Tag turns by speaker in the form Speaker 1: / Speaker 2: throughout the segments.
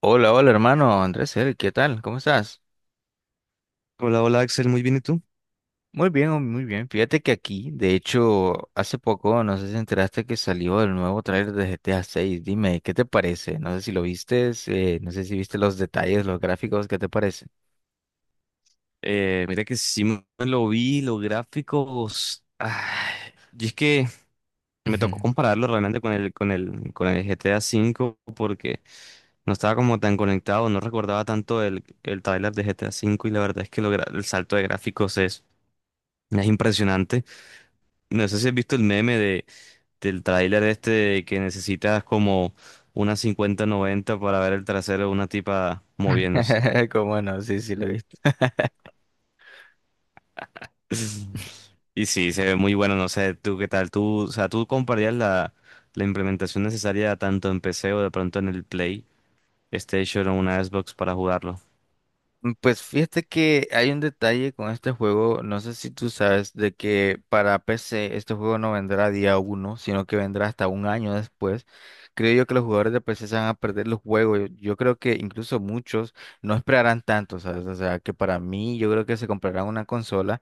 Speaker 1: Hola, hola hermano Andrés, ¿qué tal? ¿Cómo estás?
Speaker 2: Hola, hola Axel, muy bien, ¿y tú?
Speaker 1: Muy bien, oh, muy bien. Fíjate que aquí, de hecho, hace poco, no sé si enteraste que salió el nuevo tráiler de GTA 6. Dime, ¿qué te parece? No sé si lo viste, no sé si viste los detalles, los gráficos, ¿qué te parece?
Speaker 2: Mira que sí me lo vi, los gráficos. Ay, y es que me tocó compararlo realmente con el GTA V, porque no estaba como tan conectado, no recordaba tanto el tráiler de GTA V, y la verdad es que el salto de gráficos es impresionante. No sé si has visto el meme del tráiler este de que necesitas como una 5090 para ver el trasero de una tipa moviéndose.
Speaker 1: Cómo no, sí, sí lo viste.
Speaker 2: Y sí, se ve muy bueno, no sé, tú qué tal, tú, o sea, tú comprarías la implementación necesaria tanto en PC o de pronto en PlayStation o una Xbox para jugarlo.
Speaker 1: Pues fíjate que hay un detalle con este juego, no sé si tú sabes, de que para PC este juego no vendrá día uno, sino que vendrá hasta un año después. Creo yo que los jugadores de PC se van a perder los juegos. Yo creo que incluso muchos no esperarán tanto, ¿sabes? O sea, que para mí yo creo que se comprarán una consola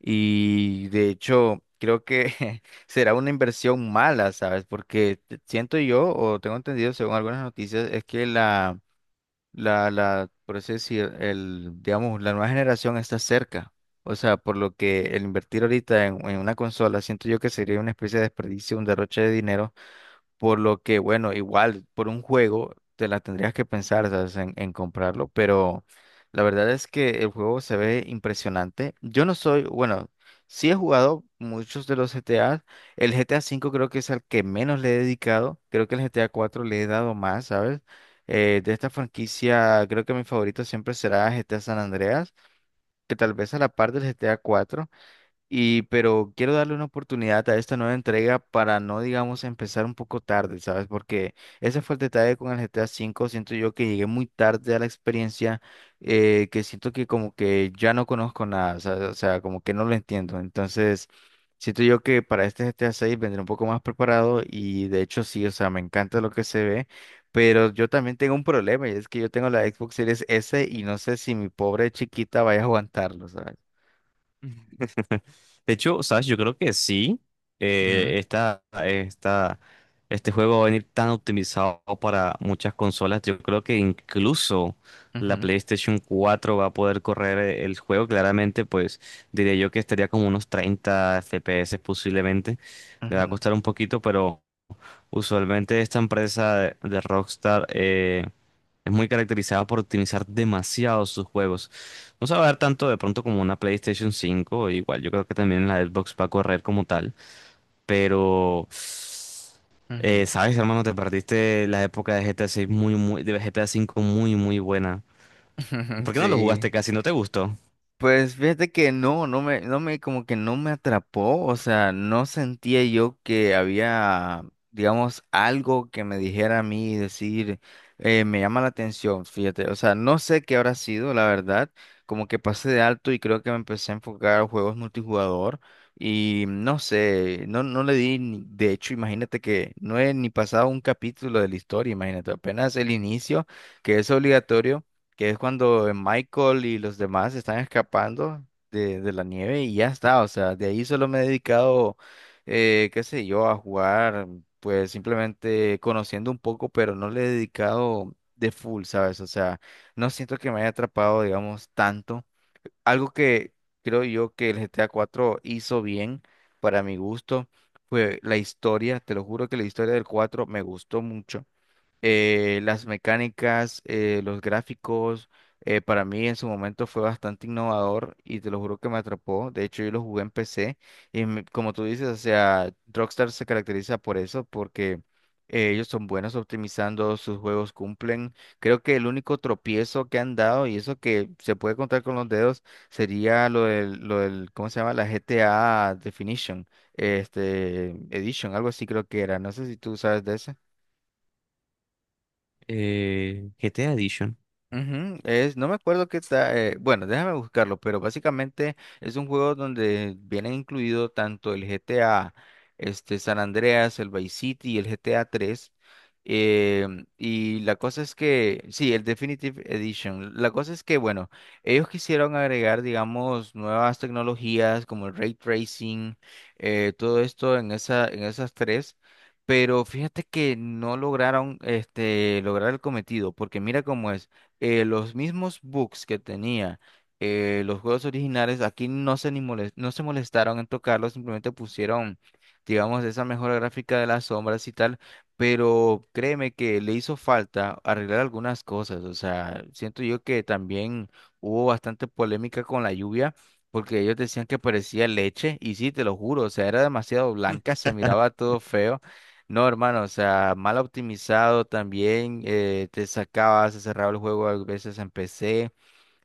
Speaker 1: y de hecho creo que será una inversión mala, ¿sabes? Porque siento yo, o tengo entendido según algunas noticias, es que la. La, por así decir, el, digamos, la nueva generación está cerca. O sea, por lo que el invertir ahorita en, una consola, siento yo que sería una especie de desperdicio, un derroche de dinero por lo que, bueno, igual por un juego te la tendrías que pensar, ¿sabes? En, comprarlo, pero la verdad es que el juego se ve impresionante. Yo no soy, bueno, sí he jugado muchos de los GTA. El GTA V creo que es al que menos le he dedicado. Creo que el GTA IV le he dado más, ¿sabes? De esta franquicia, creo que mi favorito siempre será GTA San Andreas, que tal vez a la par del GTA IV. Y, pero quiero darle una oportunidad a esta nueva entrega para no, digamos, empezar un poco tarde, ¿sabes? Porque ese fue el detalle con el GTA V. Siento yo que llegué muy tarde a la experiencia, que siento que como que ya no conozco nada, o sea, como que no lo entiendo. Entonces, siento yo que para este GTA VI vendré un poco más preparado y de hecho sí, o sea, me encanta lo que se ve. Pero yo también tengo un problema y es que yo tengo la Xbox Series S y no sé si mi pobre chiquita vaya a aguantarlo, ¿sabes?
Speaker 2: De hecho, sabes, yo creo que sí.
Speaker 1: Ujú,
Speaker 2: eh, esta, esta, este juego va a venir tan optimizado para muchas consolas. Yo creo que incluso la
Speaker 1: ujú.
Speaker 2: PlayStation 4 va a poder correr el juego. Claramente, pues diría yo que estaría como unos 30 FPS posiblemente. Le va a
Speaker 1: Ujú,
Speaker 2: costar un poquito, pero usualmente esta empresa de Rockstar, es muy caracterizada por optimizar demasiado sus juegos. No se va a ver tanto de pronto como una PlayStation 5, igual yo creo que también la Xbox va a correr como tal. Pero
Speaker 1: ujú,
Speaker 2: sabes, hermano, te perdiste la época de GTA 5 muy, muy buena. ¿Por qué no lo jugaste
Speaker 1: Sí.
Speaker 2: casi? ¿No te gustó?
Speaker 1: Pues fíjate que no, no me, como que no me atrapó, o sea, no sentía yo que había, digamos, algo que me dijera a mí, decir, me llama la atención, fíjate, o sea, no sé qué habrá sido, la verdad, como que pasé de alto y creo que me empecé a enfocar a juegos multijugador y no sé, no le di, de hecho, imagínate que no he ni pasado un capítulo de la historia, imagínate, apenas el inicio, que es obligatorio. Que es cuando Michael y los demás están escapando de la nieve y ya está, o sea, de ahí solo me he dedicado, qué sé yo, a jugar, pues simplemente conociendo un poco, pero no le he dedicado de full, ¿sabes? O sea, no siento que me haya atrapado, digamos, tanto. Algo que creo yo que el GTA 4 hizo bien para mi gusto. Fue la historia, te lo juro que la historia del 4 me gustó mucho. Las mecánicas, los gráficos, para mí en su momento fue bastante innovador y te lo juro que me atrapó. De hecho, yo lo jugué en PC como tú dices, o sea, Rockstar se caracteriza por eso, porque ellos son buenos optimizando, sus juegos cumplen. Creo que el único tropiezo que han dado, y eso que se puede contar con los dedos, sería lo del, ¿cómo se llama? La GTA Definition, Edition, algo así creo que era. No sé si tú sabes de eso.
Speaker 2: GTA Edition.
Speaker 1: Ujú. Es, no me acuerdo qué está, bueno, déjame buscarlo, pero básicamente es un juego donde vienen incluido tanto el GTA, San Andreas, el Vice City y el GTA 3. Y la cosa es que, sí, el Definitive Edition. La cosa es que, bueno, ellos quisieron agregar, digamos, nuevas tecnologías como el ray tracing, todo esto en esas tres. Pero fíjate que no lograron lograr el cometido, porque mira cómo es los mismos bugs que tenía los juegos originales, aquí no se molestaron en tocarlos, simplemente pusieron, digamos, esa mejora gráfica de las sombras y tal, pero créeme que le hizo falta arreglar algunas cosas, o sea, siento yo que también hubo bastante polémica con la lluvia. Porque ellos decían que parecía leche, y sí, te lo juro, o sea, era demasiado blanca, se miraba todo feo. No, hermano, o sea, mal optimizado también, te sacaba, se cerraba el juego a veces en PC.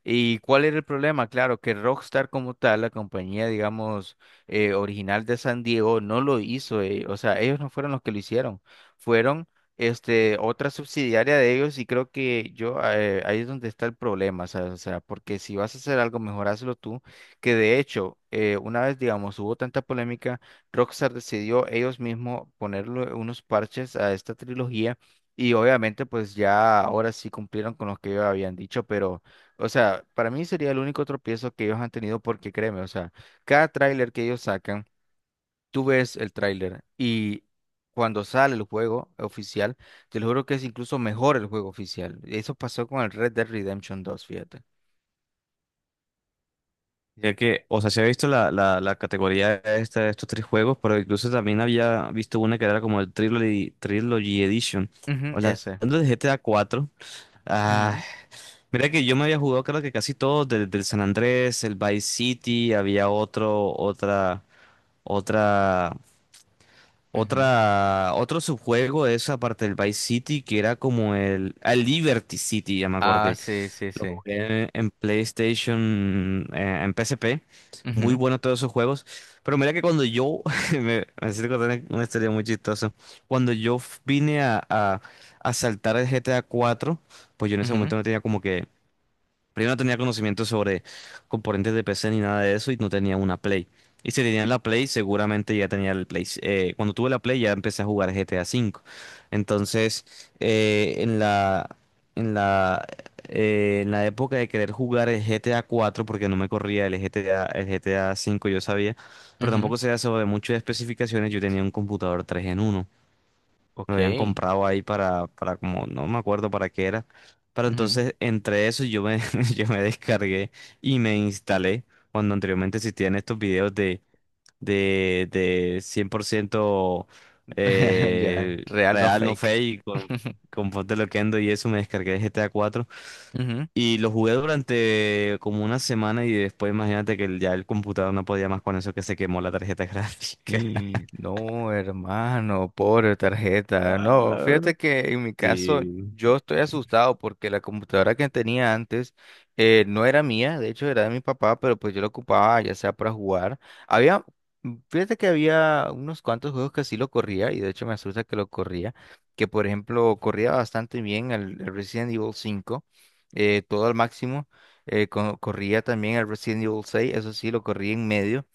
Speaker 1: ¿Y cuál era el problema? Claro, que Rockstar como tal, la compañía, digamos, original de San Diego, no lo hizo. O sea, ellos no fueron los que lo hicieron. Fueron otra subsidiaria de ellos y creo que yo, ahí es donde está el problema. ¿Sabes? O sea, porque si vas a hacer algo, mejor hazlo tú. Que de hecho, una vez, digamos, hubo tanta polémica, Rockstar decidió ellos mismos ponerle unos parches a esta trilogía. Y obviamente, pues ya ahora sí cumplieron con lo que ellos habían dicho, pero. O sea, para mí sería el único tropiezo que ellos han tenido porque créeme, o sea, cada tráiler que ellos sacan, tú ves el tráiler y cuando sale el juego oficial, te lo juro que es incluso mejor el juego oficial. Eso pasó con el Red Dead Redemption dos, fíjate.
Speaker 2: Ya que, o sea, se ha visto la categoría esta de estos tres juegos, pero incluso también había visto una que era como el Trilogy, Trilogy Edition.
Speaker 1: Ujú,
Speaker 2: Hablando
Speaker 1: ese.
Speaker 2: de GTA 4, ah,
Speaker 1: Ujú,
Speaker 2: mira que yo me había jugado, creo que casi todos, desde el San Andrés, el Vice City. Había otro, otra, otra,
Speaker 1: ujú.
Speaker 2: otra, otro subjuego de esa parte del Vice City que era como el, el Liberty City, ya me
Speaker 1: Ah,
Speaker 2: acordé.
Speaker 1: sí, sí,
Speaker 2: Lo
Speaker 1: sí.
Speaker 2: jugué en PlayStation, en PSP. Muy
Speaker 1: Ujú,
Speaker 2: bueno todos esos juegos. Pero mira que cuando me hiciste contar una historia muy chistosa. Cuando yo vine a saltar el GTA 4, pues yo en ese
Speaker 1: ujú,
Speaker 2: momento no tenía, como que, primero no tenía conocimiento sobre componentes de PC ni nada de eso, y no tenía una Play. Y si tenía la Play, seguramente ya tenía el Play. Cuando tuve la Play ya empecé a jugar GTA V. Entonces, eh, en la, en la, en la época de querer jugar el GTA 4, porque no me corría el GTA 5, yo sabía, pero
Speaker 1: ujú.
Speaker 2: tampoco sabía sobre muchas especificaciones. Yo tenía un computador 3 en uno, lo
Speaker 1: Ok.
Speaker 2: habían comprado ahí para como, no me acuerdo para qué era. Pero
Speaker 1: Ujú.
Speaker 2: entonces, entre eso, yo me descargué y me instalé, cuando anteriormente existían estos videos de 100%,
Speaker 1: Ya,
Speaker 2: eh,
Speaker 1: real no
Speaker 2: real, no
Speaker 1: fake.
Speaker 2: fake, con, con Ponte Loquendo y eso. Me descargué GTA 4
Speaker 1: Ujú.
Speaker 2: y lo jugué durante como una semana, y después imagínate que ya el computador no podía más con eso, que se quemó la tarjeta gráfica.
Speaker 1: Y no, hermano, pobre tarjeta. No,
Speaker 2: Ah.
Speaker 1: fíjate que en mi caso
Speaker 2: Sí.
Speaker 1: yo estoy asustado porque la computadora que tenía antes no era mía, de hecho era de mi papá, pero pues yo la ocupaba ya sea para jugar. Había, fíjate que había unos cuantos juegos que sí lo corría y de hecho me asusta que lo corría, que por ejemplo corría bastante bien el Resident Evil cinco, todo al máximo. Corría también el Resident Evil seis, eso sí lo corría en medio.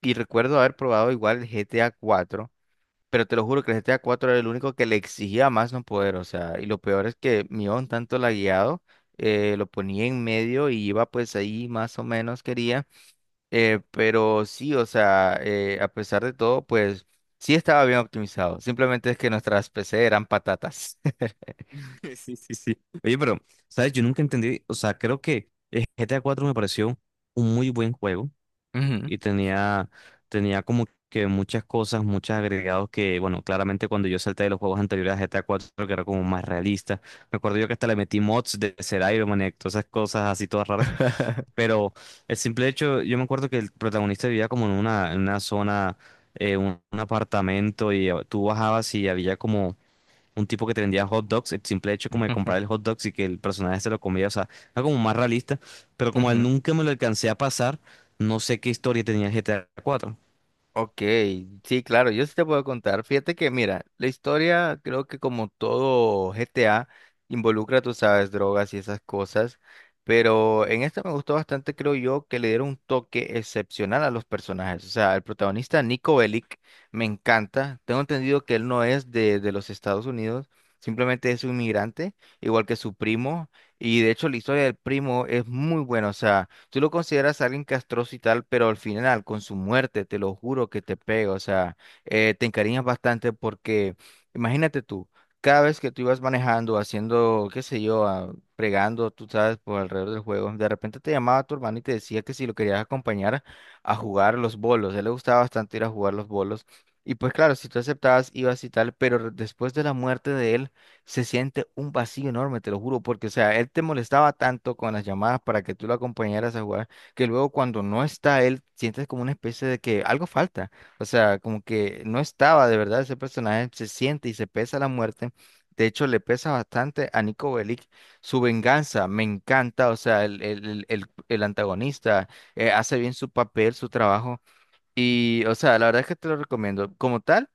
Speaker 1: Y recuerdo haber probado igual el GTA cuatro pero te lo juro que el GTA cuatro era el único que le exigía más no poder, o sea, y lo peor es que mi on tanto lagueado, lo ponía en medio y iba pues ahí más o menos quería, pero sí, o sea, a pesar de todo, pues sí estaba bien optimizado, simplemente es que nuestras PC eran patatas.
Speaker 2: Sí, sí, sí. Oye, pero, ¿sabes? Yo nunca entendí, o sea, creo que el GTA 4 me pareció un muy buen juego,
Speaker 1: Ujú.
Speaker 2: y tenía como que muchas cosas, muchos agregados que, bueno, claramente cuando yo salté de los juegos anteriores a GTA 4, que era como más realista. Me acuerdo yo que hasta le metí mods de ser Iron Man y todas esas cosas así todas raras. Pero el simple hecho, yo me acuerdo que el protagonista vivía como en una zona, un apartamento, y tú bajabas y había como un tipo que te vendía hot dogs. El simple hecho como de comprar el hot dogs y que el personaje se lo comía, o sea, era como más realista, pero como él
Speaker 1: Ujú,
Speaker 2: nunca me lo alcancé a pasar, no sé qué historia tenía el GTA 4.
Speaker 1: Ok, sí, claro, yo sí te puedo contar. Fíjate que, mira, la historia creo que como todo GTA involucra, tú sabes, drogas y esas cosas, pero en esta me gustó bastante, creo yo, que le dieron un toque excepcional a los personajes. O sea, el protagonista Nico Bellic me encanta. Tengo entendido que él no es de los Estados Unidos, simplemente es un inmigrante, igual que su primo, y de hecho la historia del primo es muy buena, o sea. Tú lo consideras alguien castroso y tal, pero al final, con su muerte, te lo juro que te pega. O sea, te encariñas bastante porque, imagínate tú, cada vez que tú ibas manejando, haciendo, qué sé yo, ah, fregando, tú sabes, por alrededor del juego, de repente te llamaba tu hermano y te decía que si lo querías acompañar a jugar los bolos. A él le gustaba bastante ir a jugar los bolos. Y pues claro, si tú aceptabas, ibas y tal, pero después de la muerte de él, se siente un vacío enorme, te lo juro, porque, o sea, él te molestaba tanto con las llamadas para que tú lo acompañaras a jugar, que luego cuando no está él, sientes como una especie de que algo falta, o sea, como que no estaba de verdad ese personaje, se siente y se pesa la muerte. De hecho, le pesa bastante a Nico Bellic su venganza, me encanta, o sea, el antagonista hace bien su papel, su trabajo, y, o sea, la verdad es que te lo recomiendo. Como tal,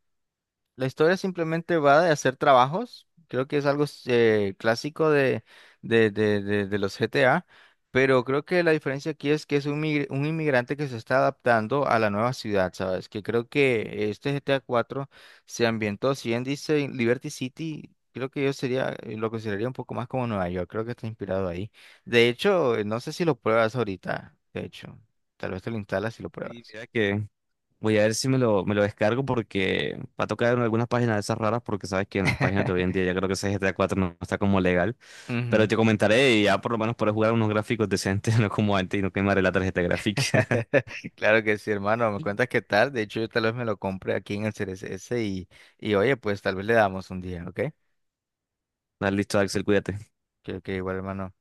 Speaker 1: la historia simplemente va de hacer trabajos, creo que es algo clásico de los GTA, pero creo que la diferencia aquí es que es un inmigrante que se está adaptando a la nueva ciudad, ¿sabes? Que creo que este GTA cuatro se ambientó, si bien dice en Liberty City, creo que yo sería, lo consideraría un poco más como Nueva York, creo que está inspirado ahí. De hecho, no sé si lo pruebas ahorita, de hecho, tal vez te lo instalas y lo
Speaker 2: Sí,
Speaker 1: pruebas.
Speaker 2: mira que voy a ver si me lo descargo, porque va a tocar en algunas páginas de esas raras, porque sabes que en las páginas de hoy en día ya creo que ese GTA 4 no está como legal, pero
Speaker 1: Ujú.
Speaker 2: te comentaré, y ya por lo menos podré jugar unos gráficos decentes. No como antes, y no quemaré la tarjeta gráfica.
Speaker 1: Claro que sí, hermano. Me cuentas qué tal. De hecho, yo tal vez me lo compre aquí en el C R S y oye, pues tal vez le damos un día, ¿ok?
Speaker 2: Dale, listo, Axel, cuídate.
Speaker 1: Que igual, hermano.